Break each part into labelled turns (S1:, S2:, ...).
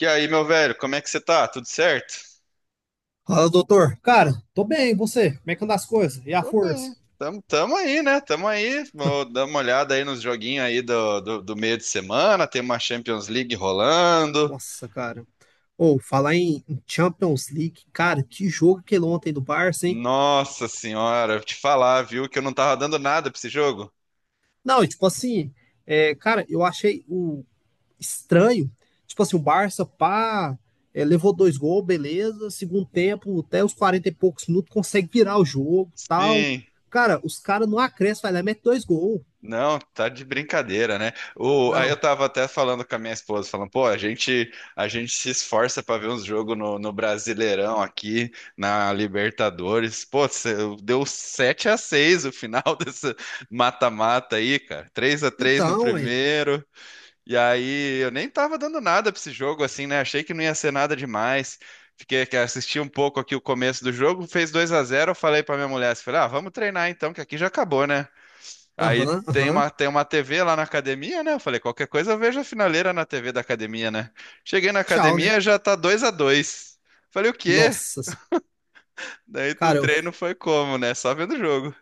S1: E aí, meu velho, como é que você tá? Tudo certo?
S2: Fala, doutor. Cara, tô bem, e você? Como é que andam as coisas? E a
S1: Tô
S2: força?
S1: bem. Tamo aí, né? Tamo aí. Vou dar uma olhada aí nos joguinhos aí do meio de semana. Tem uma Champions League rolando.
S2: Nossa, cara. Ou falar em Champions League, cara, que jogo aquele ontem do Barça, hein?
S1: Nossa senhora, vou te falar, viu, que eu não tava dando nada pra esse jogo.
S2: Não, e tipo assim, cara, eu achei o estranho. Tipo assim, o Barça, pá, levou dois gols, beleza. Segundo tempo, até os 40 e poucos minutos, consegue virar o jogo, tal.
S1: Sim.
S2: Cara, os caras não acrescem, vai lá, e mete dois gols.
S1: Não, tá de brincadeira, né? O, aí eu
S2: Não.
S1: tava até falando com a minha esposa, falando, pô, a gente se esforça pra ver uns jogos no Brasileirão aqui, na Libertadores. Pô, deu 7-6 o final desse mata-mata aí, cara. 3-3 no
S2: Então, é.
S1: primeiro. E aí eu nem tava dando nada pra esse jogo assim, né? Achei que não ia ser nada demais. Fiquei que assisti um pouco aqui o começo do jogo, fez 2-0, eu falei pra minha mulher, assim, falei, ah, vamos treinar então, que aqui já acabou, né? Aí
S2: Aham,
S1: tem
S2: aham.
S1: uma, tem uma TV lá na academia, né? Eu falei, qualquer coisa eu vejo a finaleira na TV da academia, né? Cheguei na
S2: Tchau, né?
S1: academia, já tá 2-2. Falei, o quê?
S2: Nossa.
S1: Daí o
S2: Cara,
S1: treino foi como, né? Só vendo o jogo.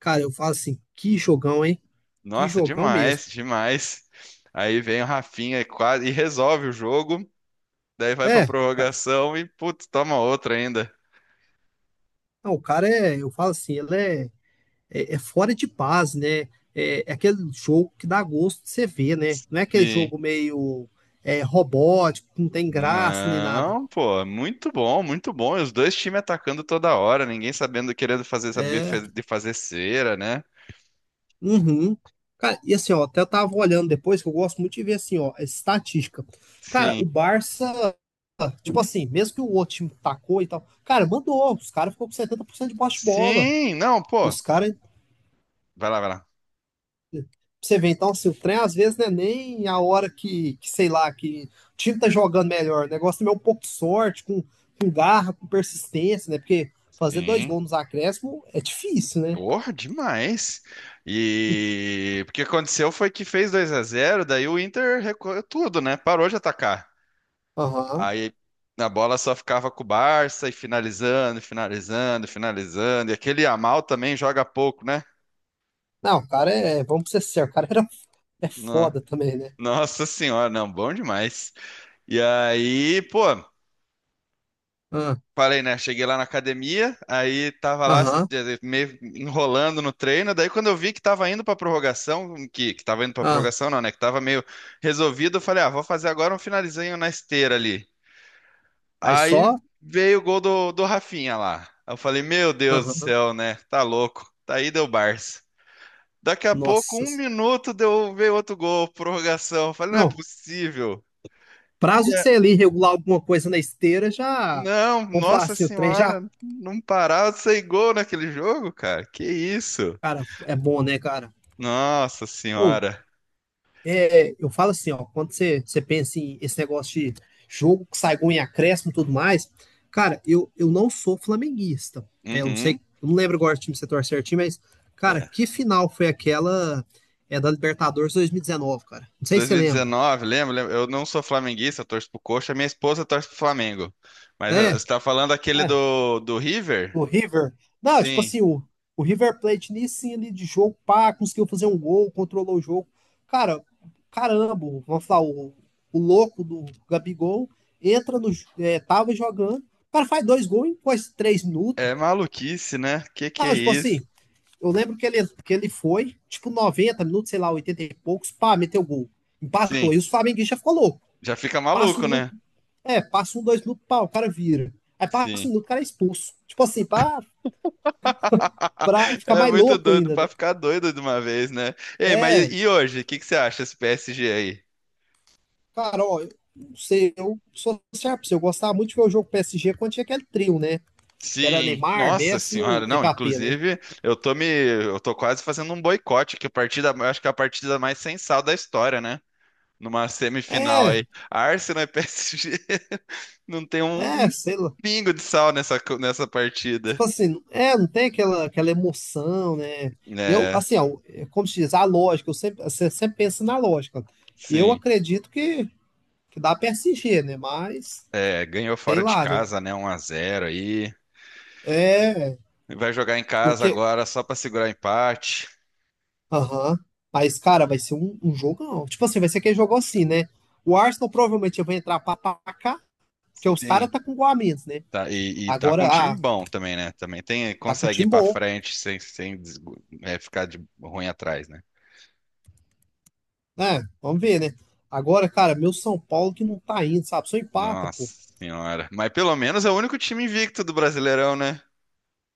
S2: Cara, eu falo assim, que jogão, hein? Que
S1: Nossa,
S2: jogão mesmo.
S1: demais, demais. Aí vem o Rafinha e quase e resolve o jogo. Daí vai pra
S2: É, cara,
S1: prorrogação e, putz, toma outra ainda.
S2: não, o cara é, eu falo assim, ele é, é fora de paz, né? É, é aquele jogo que dá gosto de você ver, né? Não é aquele
S1: Sim.
S2: jogo meio robótico, que não tem graça nem nada.
S1: Não, pô, muito bom, muito bom. E os dois times atacando toda hora, ninguém sabendo, querendo fazer, saber
S2: É,
S1: de fazer cera, né?
S2: uhum. Cara, e assim, ó, até eu tava olhando depois, que eu gosto muito de ver assim, ó, estatística. Cara,
S1: Sim.
S2: o Barça, tipo assim, mesmo que o outro time tacou e tal, cara, mandou, os caras ficou com 70% de posse de bola.
S1: Sim, não,
S2: E
S1: pô.
S2: os caras
S1: Vai lá, vai lá.
S2: você vê, então, se o trem às vezes não é nem a hora que sei lá, que o time tá jogando melhor. O negócio também é um pouco de sorte, com garra, com persistência, né? Porque fazer dois
S1: Sim.
S2: gols nos acréscimos é difícil, né?
S1: Porra, demais. E o que aconteceu foi que fez 2-0. Daí o Inter recuou tudo, né? Parou de atacar.
S2: Aham.
S1: Aí a bola só ficava com o Barça e finalizando, finalizando, finalizando. E aquele Yamal também joga pouco, né?
S2: Não, o cara é, vamos ser sérios, o cara era, é
S1: No-
S2: foda também, né?
S1: Nossa senhora, não, bom demais. E aí, pô,
S2: Ah,
S1: falei, né? Cheguei lá na academia, aí tava lá
S2: aham,
S1: meio enrolando no treino. Daí, quando eu vi que tava indo pra prorrogação, que tava indo pra
S2: ah,
S1: prorrogação, não, né? Que tava meio resolvido, eu falei, ah, vou fazer agora um finalizinho na esteira ali.
S2: aí
S1: Aí
S2: só,
S1: veio o gol do Rafinha lá. Eu falei, meu Deus do
S2: aham,
S1: céu, né? Tá louco. Daí deu Barça. Daqui a pouco,
S2: nossa.
S1: um minuto, deu, veio outro gol, prorrogação. Eu falei, não é
S2: Não,
S1: possível.
S2: prazo de você ali regular alguma coisa na esteira já,
S1: Não,
S2: vamos falar
S1: nossa
S2: assim, o trem já,
S1: senhora, não parava de sair gol naquele jogo, cara. Que isso?
S2: cara, é bom, né, cara?
S1: Nossa
S2: Pô,
S1: senhora.
S2: é, eu falo assim, ó, quando você, você pensa em esse negócio de jogo que sai gol em acréscimo e tudo mais, cara, eu não sou flamenguista. É, eu não
S1: Uhum.
S2: sei, eu não lembro agora o time que você torce certinho, mas, cara,
S1: É.
S2: que final foi aquela da Libertadores 2019, cara? Não sei se você lembra.
S1: 2019, lembra? Lembra? Eu não sou flamenguista, eu torço pro Coxa, minha esposa torce pro Flamengo. Mas
S2: É,
S1: você tá falando aquele
S2: é,
S1: do River?
S2: o River. Não, tipo
S1: Sim.
S2: assim, o River Plate nisso sim, ali de jogo, pá, conseguiu fazer um gol, controlou o jogo. Cara, caramba, vamos falar, o louco do Gabigol entra no. É, tava jogando, o cara faz dois gols em quase três minutos.
S1: É maluquice, né? Que é
S2: Não, tipo
S1: isso?
S2: assim, eu lembro que ele foi, tipo, 90 minutos, sei lá, 80 e poucos, pá, meteu gol. Empatou.
S1: Sim.
S2: E os flamenguistas ficou louco.
S1: Já fica
S2: Passa um
S1: maluco, né?
S2: minuto, é, passa um, dois minutos, pá, o cara vira. Aí passa
S1: Sim.
S2: um minuto, o cara é expulso. Tipo assim, pá, pra ficar
S1: É
S2: mais
S1: muito
S2: louco
S1: doido
S2: ainda,
S1: pra
S2: né?
S1: ficar doido de uma vez, né? Ei, mas
S2: É,
S1: e hoje? O que que você acha desse PSG aí?
S2: cara, ó, eu não sei, eu sou sincero pra você, eu gostava muito de ver o jogo PSG quando tinha aquele trio, né? Que era
S1: Sim,
S2: Neymar,
S1: nossa
S2: Messi e o
S1: senhora, não,
S2: Mbappé, né?
S1: inclusive eu tô quase fazendo um boicote, que a partida, eu acho que é a partida mais sem sal da história, né? Numa semifinal
S2: É,
S1: aí, Arsenal e PSG, não tem um,
S2: é,
S1: um
S2: sei lá.
S1: pingo de sal nessa, nessa partida.
S2: Tipo assim, é, não tem aquela, aquela emoção, né? Eu,
S1: É,
S2: assim, ó, é como se diz, a lógica, eu sempre, você sempre pensa na lógica. E eu
S1: sim,
S2: acredito que dá PSG, né? Mas,
S1: é, ganhou
S2: sei
S1: fora de
S2: lá, né?
S1: casa, né, 1-0 aí,
S2: É,
S1: vai jogar em casa
S2: porque
S1: agora só pra segurar empate.
S2: aham. Mas, cara, vai ser um, um jogão. Tipo assim, vai ser aquele jogo assim, né? O Arsenal provavelmente vai entrar pra cá, porque os
S1: Sim,
S2: caras tá com gol a menos, né?
S1: tá, e tá com
S2: Agora,
S1: um
S2: ah,
S1: time bom também, né? Também tem,
S2: tá com um
S1: consegue ir
S2: time
S1: pra
S2: bom.
S1: frente sem ficar de ruim atrás, né?
S2: Né? Vamos ver, né? Agora, cara, meu São Paulo que não tá indo, sabe? Só empata, pô.
S1: Nossa senhora. Mas pelo menos é o único time invicto do Brasileirão, né?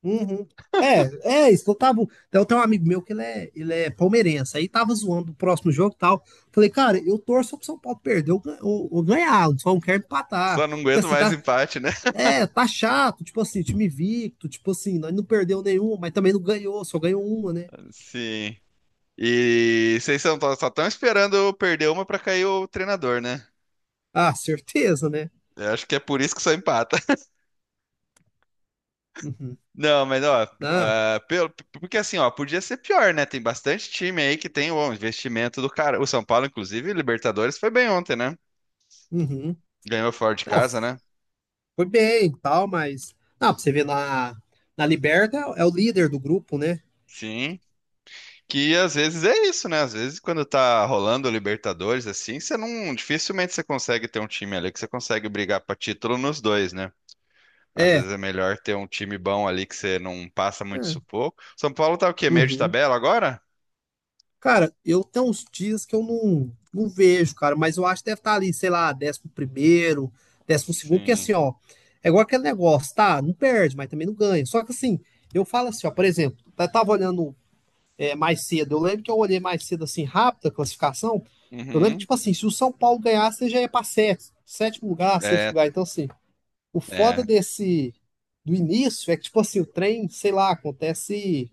S2: Uhum. É, é isso que eu tava. Então, tem um amigo meu que ele é palmeirense. Aí tava zoando o próximo jogo e tal. Falei, cara, eu torço pro São Paulo perder ou, gan- ou ganhar, eu só não quero empatar.
S1: Só não
S2: Porque
S1: aguento
S2: assim,
S1: mais
S2: tá,
S1: empate, né?
S2: é, tá chato, tipo assim, time invicto, tipo assim, não, não perdeu nenhum, mas também não ganhou, só ganhou uma, né?
S1: Sim. E vocês só estão esperando eu perder uma pra cair o treinador, né?
S2: Ah, certeza, né?
S1: Eu acho que é por isso que só empata.
S2: Uhum.
S1: Não, mas ó,
S2: Não,
S1: ah, pelo, porque assim, ó, podia ser pior, né? Tem bastante time aí que tem o investimento do cara. O São Paulo, inclusive, Libertadores foi bem ontem, né?
S2: uhum.
S1: Ganhou fora de
S2: Não,
S1: casa, né?
S2: foi bem e tal, mas. Ah, pra você ver na, na Liberta é o líder do grupo, né?
S1: Sim. Que às vezes é isso, né? Às vezes quando tá rolando o Libertadores assim, você não dificilmente você consegue ter um time ali que você consegue brigar pra título nos dois, né? Às
S2: É.
S1: vezes é melhor ter um time bom ali que você não passa muito
S2: É.
S1: sufoco. São Paulo tá o quê? Meio de
S2: Uhum.
S1: tabela agora?
S2: Cara, eu tenho uns dias que eu não, não vejo, cara, mas eu acho que deve estar ali, sei lá, décimo primeiro, décimo segundo, porque
S1: Sim.
S2: assim, ó, é igual aquele negócio, tá? Não perde, mas também não ganha. Só que assim, eu falo assim, ó, por exemplo, eu tava olhando mais cedo. Eu lembro que eu olhei mais cedo, assim, rápido a classificação. Eu lembro,
S1: Uhum.
S2: tipo assim, se o São Paulo ganhasse, ele já ia para sexto, sétimo lugar, sexto
S1: É,
S2: lugar. Então, assim, o foda
S1: é.
S2: desse do início é que, tipo assim, o trem, sei lá, acontece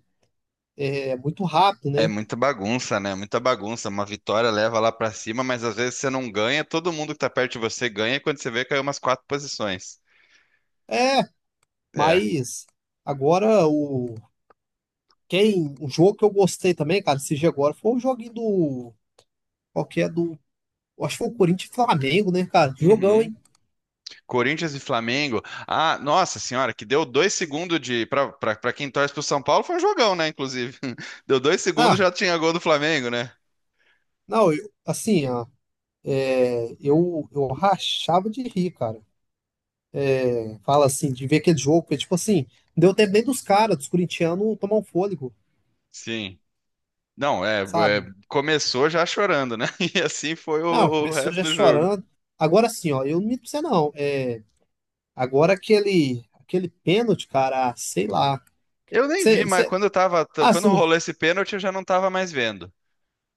S2: muito rápido,
S1: É
S2: né?
S1: muita bagunça, né? Muita bagunça. Uma vitória leva lá pra cima, mas às vezes você não ganha, todo mundo que tá perto de você ganha, e quando você vê, caiu umas quatro posições.
S2: É,
S1: É.
S2: mas agora o. Quem, um jogo que eu gostei também, cara, esse dia agora, foi o joguinho do. Qual que é do. Acho que foi o Corinthians e Flamengo, né, cara? Jogão,
S1: Uhum.
S2: hein?
S1: Corinthians e Flamengo. Ah, nossa senhora, que deu 2 segundos de. Para quem torce pro São Paulo, foi um jogão, né? Inclusive. Deu 2 segundos,
S2: Ah,
S1: já tinha gol do Flamengo, né?
S2: não, eu, assim, ó, eu rachava de rir, cara. Fala assim, de ver aquele jogo, porque, tipo assim, não deu tempo nem dos caras, dos corintianos, tomar um fôlego,
S1: Sim. Não, é,
S2: sabe?
S1: começou já chorando, né? E assim foi
S2: Não,
S1: o
S2: começou
S1: resto
S2: já
S1: do jogo.
S2: chorando. Agora sim, ó, eu não minto pra você não. É, agora aquele, aquele pênalti, cara, ah, sei lá.
S1: Eu nem vi, mas
S2: Você,
S1: quando eu tava,
S2: ah,
S1: quando
S2: você não,
S1: rolou esse pênalti, eu já não tava mais vendo.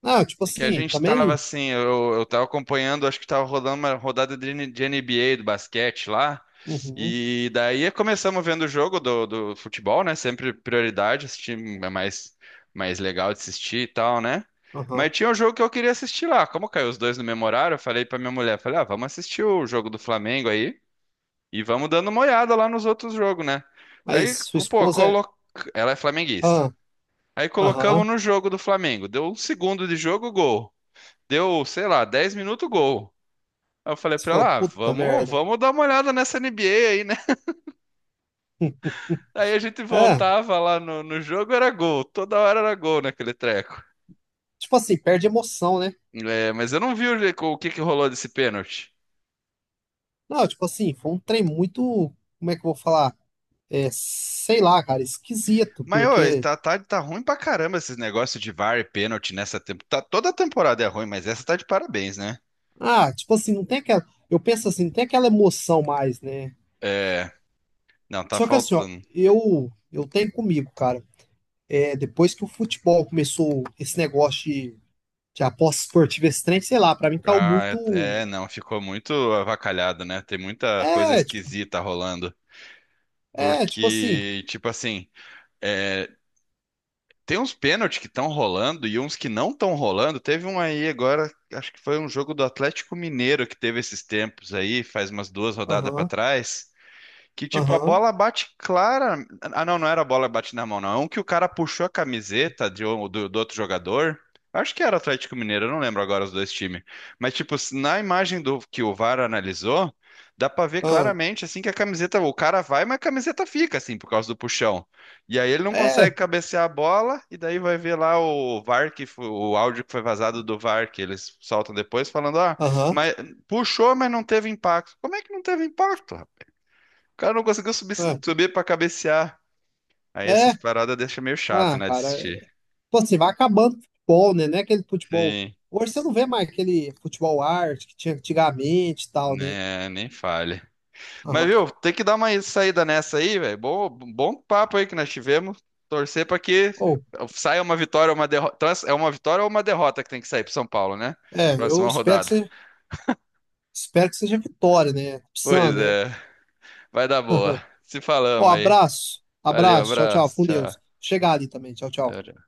S2: ah, tipo
S1: É que a
S2: assim,
S1: gente tava
S2: também.
S1: assim, eu tava acompanhando, acho que tava rodando uma rodada de NBA do basquete lá.
S2: Uhum,
S1: E daí começamos vendo o jogo do futebol, né? Sempre prioridade, assistir é mais legal de assistir e tal, né?
S2: aham.
S1: Mas tinha um jogo que eu queria assistir lá. Como caiu os dois no mesmo horário, eu falei pra minha mulher, falei, ah, vamos assistir o jogo do Flamengo aí e vamos dando uma olhada lá nos outros jogos, né? Aí,
S2: Mas sua
S1: pô,
S2: esposa é.
S1: ela é flamenguista.
S2: Ah,
S1: Aí
S2: aham.
S1: colocamos no jogo do Flamengo. Deu 1 segundo de jogo, gol. Deu, sei lá, 10 minutos gol. Aí eu falei
S2: Você
S1: pra
S2: falou,
S1: ela, ah,
S2: puta
S1: vamos,
S2: merda.
S1: vamos dar uma olhada nessa NBA aí, né? Aí a gente
S2: É,
S1: voltava lá no jogo, era gol. Toda hora era gol naquele treco.
S2: tipo assim, perde emoção, né?
S1: É, mas eu não vi o que que rolou desse pênalti.
S2: Não, tipo assim, foi um trem muito. Como é que eu vou falar? É, sei lá, cara, esquisito,
S1: Mas, ô,
S2: porque.
S1: tá ruim pra caramba esses negócios de VAR e pênalti nessa temporada. Tá, toda temporada é ruim, mas essa tá de parabéns, né?
S2: Ah, tipo assim, não tem aquela. Eu penso assim, não tem aquela emoção mais, né?
S1: É, não, tá
S2: Só que assim, ó,
S1: faltando.
S2: eu tenho comigo, cara. É, depois que o futebol começou esse negócio de aposta esportiva, esse trem, sei lá, pra mim caiu
S1: Ah, é,
S2: muito.
S1: é, não, ficou muito avacalhado, né? Tem muita coisa
S2: É, tipo,
S1: esquisita rolando.
S2: é, tipo assim.
S1: Porque, tipo assim, tem uns pênaltis que estão rolando e uns que não estão rolando. Teve um aí agora, acho que foi um jogo do Atlético Mineiro que teve esses tempos aí, faz umas duas rodadas para
S2: Aham,
S1: trás, que tipo, a
S2: aham,
S1: bola bate clara. Ah, não, não era a bola que bate na mão, não. É um que o cara puxou a camiseta do outro jogador. Acho que era Atlético Mineiro, eu não lembro agora os dois times. Mas, tipo, na imagem do que o VAR analisou, dá pra ver
S2: aham,
S1: claramente assim que a camiseta, o cara vai, mas a camiseta fica, assim, por causa do puxão. E aí ele não
S2: é,
S1: consegue cabecear a bola, e daí vai ver lá o VAR, que foi, o áudio que foi vazado do VAR, que eles soltam depois, falando, ah,
S2: aham,
S1: mas puxou, mas não teve impacto. Como é que não teve impacto, o cara não conseguiu subir,
S2: ah,
S1: subir pra cabecear. Aí
S2: é.
S1: essas paradas deixam meio chato,
S2: Ah,
S1: né, de
S2: cara. É,
S1: assistir.
S2: tipo assim, vai acabando o futebol, né? Não é aquele futebol.
S1: Sim,
S2: Hoje você não vê mais aquele futebol arte que tinha antigamente e tal, né?
S1: né, nem falha. Mas,
S2: Aham.
S1: viu, tem que dar uma saída nessa aí, velho. Bom, bom papo aí que nós tivemos. Torcer pra que
S2: Ou,
S1: saia uma vitória ou uma derrota. Então, é uma vitória ou uma derrota que tem que sair pro São Paulo, né?
S2: é, eu
S1: Próxima
S2: espero que
S1: rodada.
S2: seja. Espero que seja vitória, né?
S1: Pois
S2: Psan, né?
S1: é, vai dar boa. Se
S2: Ó,
S1: falamos aí.
S2: abraço.
S1: Valeu,
S2: Abraço. Tchau, tchau.
S1: abraço,
S2: Com
S1: tchau.
S2: Deus. Chegar ali também. Tchau, tchau.
S1: Tchau, tchau.